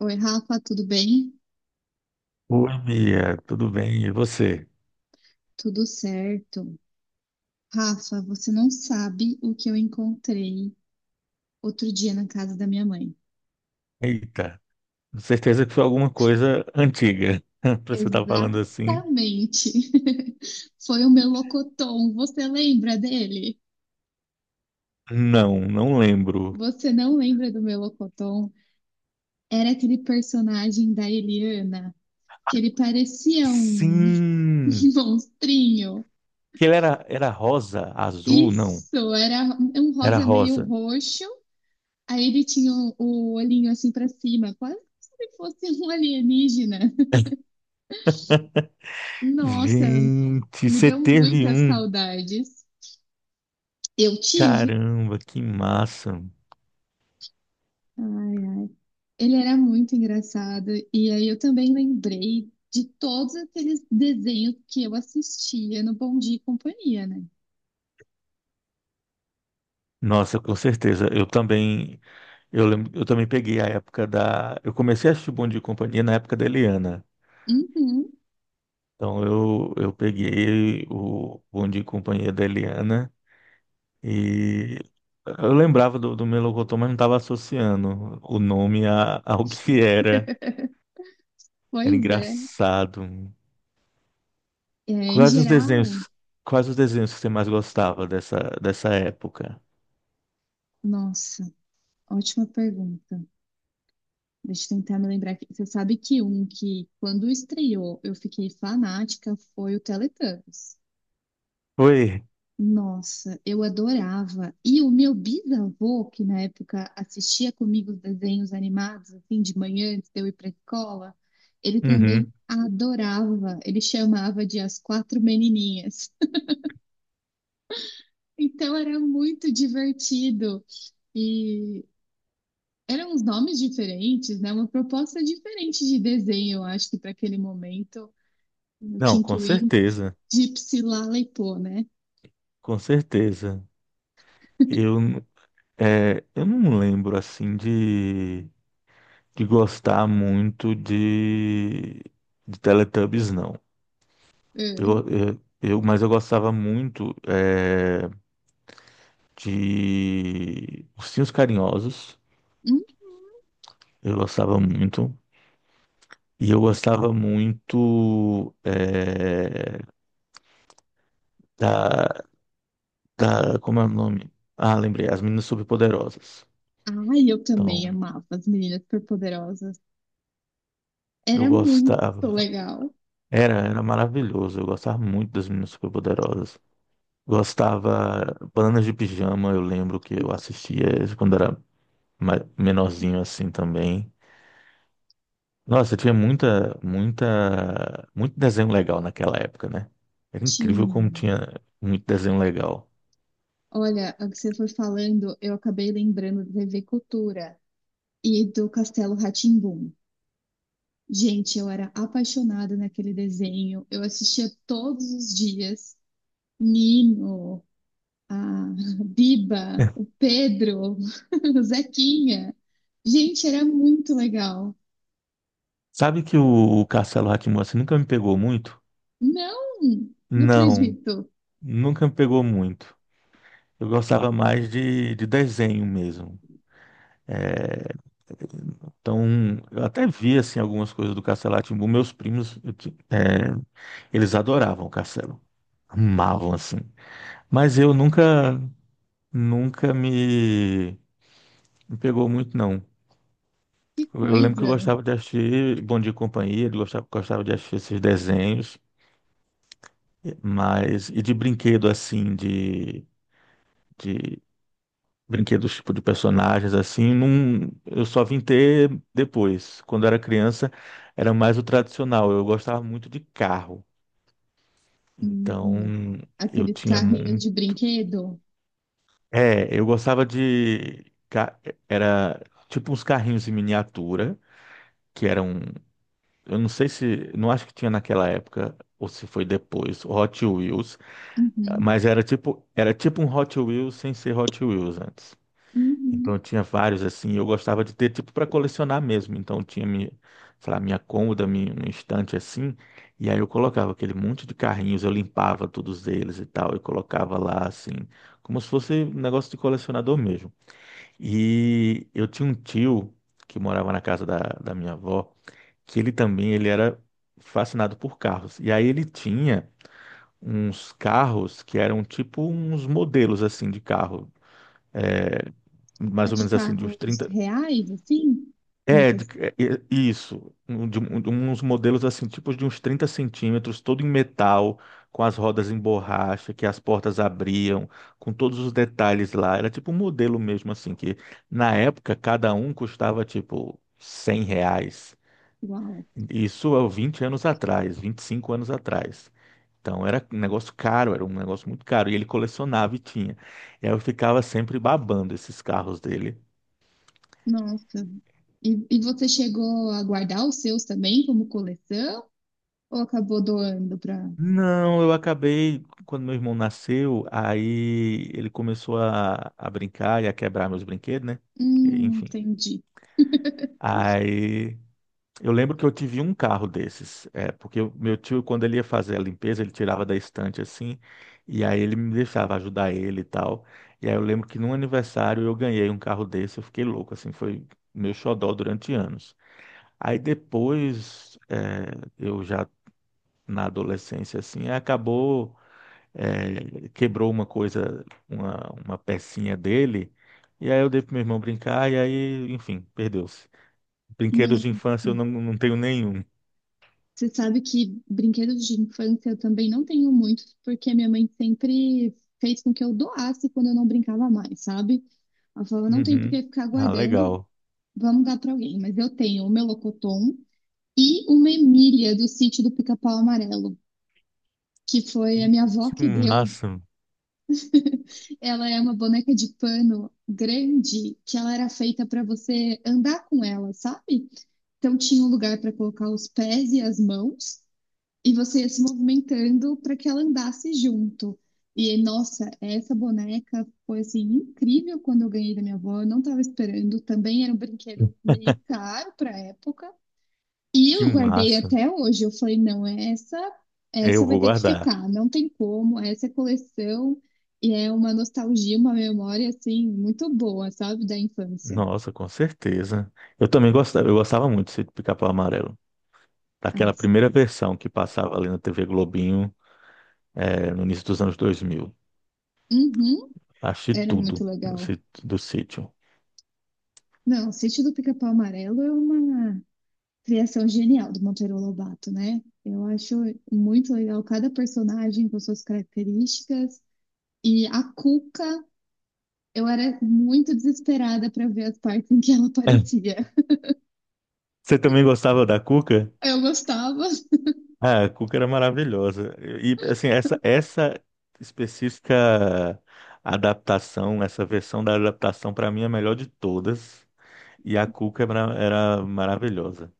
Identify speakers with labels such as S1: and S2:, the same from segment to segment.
S1: Oi, Rafa, tudo bem?
S2: Oi, Mia, tudo bem? E você?
S1: Tudo certo. Rafa, você não sabe o que eu encontrei outro dia na casa da minha mãe.
S2: Eita, com certeza que foi alguma coisa antiga. Pra você estar falando assim?
S1: Exatamente. Foi o Melocoton. Você lembra dele?
S2: Não, não lembro.
S1: Você não lembra do Melocoton? Era aquele personagem da Eliana, que ele parecia um
S2: Sim,
S1: monstrinho.
S2: que ele era, rosa, azul, não,
S1: Isso, era um
S2: era
S1: rosa meio
S2: rosa.
S1: roxo. Aí ele tinha o olhinho assim pra cima, quase como se fosse um alienígena. Nossa,
S2: Gente,
S1: me
S2: você
S1: deu
S2: teve
S1: muitas
S2: um.
S1: saudades. Eu tive.
S2: Caramba, que massa.
S1: Ai, ai. Ele era muito engraçado. E aí eu também lembrei de todos aqueles desenhos que eu assistia no Bom Dia e Companhia, né?
S2: Nossa, com certeza. Eu também, eu lembro, eu também peguei a época da. Eu comecei a assistir Bom Dia e Companhia na época da Eliana.
S1: Uhum,
S2: Então eu peguei o Bom Dia e Companhia da Eliana e eu lembrava do Melocotão, mas não estava associando o nome a, ao que era. Era
S1: pois é.
S2: engraçado.
S1: É, em
S2: Quais os
S1: geral,
S2: desenhos, quais os desenhos que você mais gostava dessa época?
S1: nossa, ótima pergunta. Deixa eu tentar me lembrar aqui. Você sabe que um que, quando estreou, eu fiquei fanática foi o Teletubbies.
S2: Foi?
S1: Nossa, eu adorava. E o meu bisavô, que na época assistia comigo os desenhos animados, assim, de manhã, antes de eu ir para a escola, ele
S2: Uhum.
S1: também adorava. Ele chamava de As Quatro Menininhas. Então era muito divertido. E eram uns nomes diferentes, né? Uma proposta diferente de desenho, eu acho que para aquele momento. Eu te
S2: Não, com
S1: incluí
S2: certeza,
S1: Gypsy Lalepô, né?
S2: com certeza. Eu, n- eu não lembro assim de gostar muito de Teletubbies, não.
S1: É.
S2: Mas eu gostava muito de Ursinhos Carinhosos.
S1: Hum?
S2: Eu gostava muito. E eu gostava muito da, da. Como é o nome? Ah, lembrei. As Meninas Superpoderosas.
S1: Ai, eu também
S2: Então,
S1: amava as meninas superpoderosas.
S2: eu
S1: Era muito
S2: gostava.
S1: legal.
S2: Era maravilhoso. Eu gostava muito das Meninas Superpoderosas. Gostava. Bananas de Pijama, eu lembro que eu assistia quando era menorzinho assim também. Nossa, tinha muito desenho legal naquela época, né? Era incrível como
S1: Tinha.
S2: tinha muito desenho legal.
S1: Olha, o que você foi falando, eu acabei lembrando da TV Cultura e do Castelo rá. Gente, eu era apaixonada naquele desenho. Eu assistia todos os dias. Nino, a Biba, o Pedro, o Zequinha. Gente, era muito legal.
S2: Sabe que o Castelo rá assim, nunca me pegou muito?
S1: Não, não
S2: Não,
S1: acredito.
S2: nunca me pegou muito. Eu gostava mais de desenho mesmo. É, Então, eu até vi assim algumas coisas do Castelo rá tim. Meus primos, eles adoravam o Castelo, amavam assim. Mas eu nunca, nunca me, me pegou muito não.
S1: Que
S2: Eu lembro que eu
S1: coisa.
S2: gostava de assistir Bom Dia e Companhia, eu gostava, gostava de assistir esses desenhos, mas e de brinquedo assim, de brinquedos tipo de personagens assim, não, eu só vim ter depois. Quando eu era criança, era mais o tradicional. Eu gostava muito de carro. Então,
S1: Uhum.
S2: eu
S1: Aqueles
S2: tinha
S1: carrinhos
S2: muito.
S1: de brinquedo.
S2: É, eu gostava de. Ca- Era tipo uns carrinhos em miniatura, que eram. Eu não sei se, não acho que tinha naquela época ou se foi depois, o Hot Wheels,
S1: Uhum.
S2: mas era tipo um Hot Wheels sem ser Hot Wheels antes.
S1: Uhum.
S2: Então eu tinha vários assim, eu gostava de ter tipo para colecionar mesmo. Então eu tinha minha, sei lá, minha cômoda, minha, um estante assim, e aí eu colocava aquele monte de carrinhos, eu limpava todos eles e tal, e colocava lá assim, como se fosse um negócio de colecionador mesmo. E eu tinha um tio que morava na casa da minha avó que ele também ele era fascinado por carros. E aí ele tinha uns carros que eram tipo uns modelos assim de carro, é,
S1: A
S2: mais ou
S1: de
S2: menos assim de uns
S1: carros
S2: 30.
S1: reais, assim?
S2: é, de-
S1: Imitação.
S2: é, é, isso, de uns modelos assim, tipos de uns 30 centímetros, todo em metal, com as rodas em borracha, que as portas abriam, com todos os detalhes lá. Era tipo um modelo mesmo assim, que na época cada um custava tipo R$ 100.
S1: Uau.
S2: Isso há 20 anos atrás, 25 anos atrás. Então era um negócio caro, era um negócio muito caro. E ele colecionava e tinha. E aí eu ficava sempre babando esses carros dele.
S1: Nossa. E você chegou a guardar os seus também como coleção? Ou acabou doando para...
S2: Não, eu acabei, quando meu irmão nasceu, aí ele começou a brincar e a quebrar meus brinquedos, né? Enfim.
S1: Entendi.
S2: Aí eu lembro que eu tive um carro desses, é, porque o meu tio, quando ele ia fazer a limpeza, ele tirava da estante assim, e aí ele me deixava ajudar ele e tal. E aí eu lembro que num aniversário eu ganhei um carro desse, eu fiquei louco, assim, foi meu xodó durante anos. Aí depois, é, eu já na adolescência, assim, acabou, é, quebrou uma coisa, uma pecinha dele, e aí eu dei pro meu irmão brincar, e aí, enfim, perdeu-se. Brinquedos de
S1: Nossa.
S2: infância eu não, não tenho nenhum.
S1: Você sabe que brinquedos de infância eu também não tenho muitos, porque minha mãe sempre fez com que eu doasse quando eu não brincava mais, sabe? Ela falava, não tem por
S2: Uhum.
S1: que ficar
S2: Ah,
S1: guardando,
S2: legal.
S1: vamos dar para alguém. Mas eu tenho o meu locotom e uma Emília do sítio do Pica-Pau Amarelo, que foi
S2: Que
S1: a minha avó
S2: que
S1: que deu.
S2: massa,
S1: Ela é uma boneca de pano grande que ela era feita para você andar com ela, sabe? Então tinha um lugar para colocar os pés e as mãos, e você ia se movimentando para que ela andasse junto. E nossa, essa boneca foi assim incrível quando eu ganhei da minha avó, eu não estava esperando, também era um brinquedo meio caro para a época. E
S2: que
S1: eu guardei
S2: massa.
S1: até hoje. Eu falei, não, essa
S2: É, eu
S1: essa vai
S2: vou
S1: ter que
S2: guardar.
S1: ficar, não tem como, essa é coleção e é uma nostalgia, uma memória assim muito boa, sabe, da infância.
S2: Nossa, com certeza. Eu também gostava, eu gostava muito de Pica-Pau Amarelo.
S1: Ah,
S2: Daquela primeira versão que passava ali na TV Globinho, no início dos anos 2000.
S1: uhum,
S2: Achei
S1: era muito
S2: tudo no
S1: legal.
S2: do sítio.
S1: Não, o Sítio do Pica-Pau Amarelo é uma criação genial do Monteiro Lobato, né? Eu acho muito legal cada personagem com suas características. E a Cuca, eu era muito desesperada para ver as partes em que ela
S2: É.
S1: aparecia.
S2: Você também gostava da Cuca?
S1: Eu gostava.
S2: Ah, a Cuca era maravilhosa. E, assim, essa específica adaptação, essa versão da adaptação, para mim, é a melhor de todas. E a cuca era maravilhosa.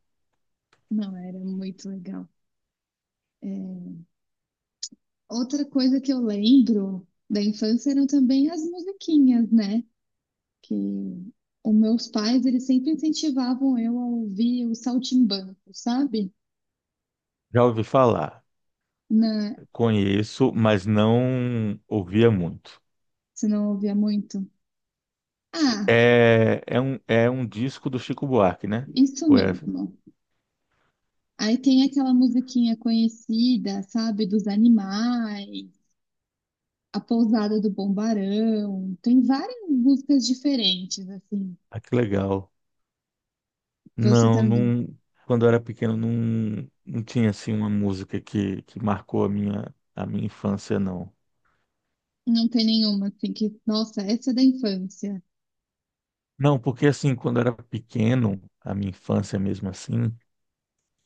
S1: Não, era muito legal. É, outra coisa que eu lembro da infância eram também as musiquinhas, né? Que os meus pais, eles sempre incentivavam eu a ouvir o saltimbanco, sabe?
S2: Já ouvi falar,
S1: Na...
S2: conheço, mas não ouvia muito.
S1: Você não ouvia muito? Ah,
S2: É, é um disco do Chico Buarque, né?
S1: isso
S2: Ué,
S1: mesmo. Aí tem aquela musiquinha conhecida, sabe, dos animais, A Pousada do Bombarão. Tem várias músicas diferentes, assim.
S2: ah, que legal.
S1: Você
S2: Não,
S1: também
S2: não, quando eu era pequeno não, não tinha assim uma música que marcou a minha infância, não.
S1: não tem nenhuma, assim, que, nossa, essa é da infância.
S2: Não, porque assim, quando eu era pequeno, a minha infância mesmo assim,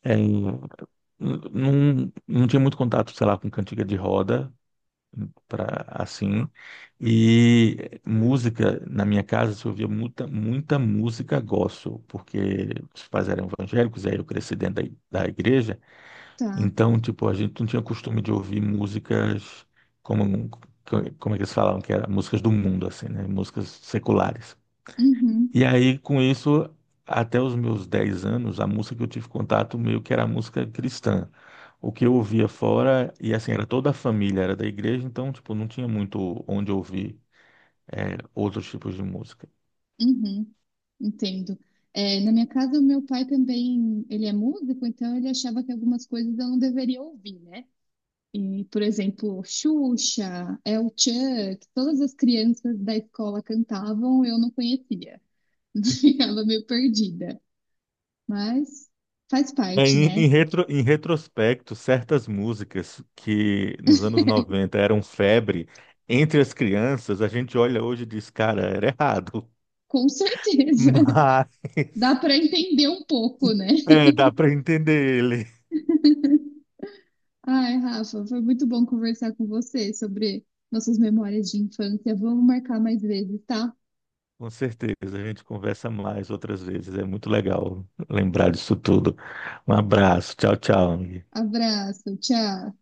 S2: é, n- não, não tinha muito contato, sei lá, com cantiga de roda. Para assim. E música, na minha casa, se ouvia muita música gospel, porque os pais eram evangélicos, aí eu cresci dentro da igreja,
S1: Tá.
S2: então, tipo, a gente não tinha costume de ouvir músicas como, como é que eles falavam, que era músicas do mundo, assim, né? Músicas seculares.
S1: Uhum,
S2: E aí, com isso, até os meus 10 anos, a música que eu tive contato meio que era música cristã. O que eu ouvia fora, e assim, era toda a família, era da igreja, então, tipo, não tinha muito onde ouvir é, outros tipos de música.
S1: uhum. Entendo. É, na minha casa, o meu pai também, ele é músico, então ele achava que algumas coisas eu não deveria ouvir, né? E, por exemplo, Xuxa, El Chuck, todas as crianças da escola cantavam, eu não conhecia. Ficava meio perdida. Mas faz
S2: É,
S1: parte, né?
S2: Em retrospecto, certas músicas que nos anos 90 eram febre entre as crianças, a gente olha hoje e diz, cara, era errado.
S1: Com certeza.
S2: Mas
S1: Dá para entender um pouco, né?
S2: é, dá para entender.
S1: Ai, Rafa, foi muito bom conversar com você sobre nossas memórias de infância. Vamos marcar mais vezes, tá?
S2: Com certeza, a gente conversa mais outras vezes. É muito legal lembrar disso tudo. Um abraço, tchau, tchau.
S1: Abraço, tchau.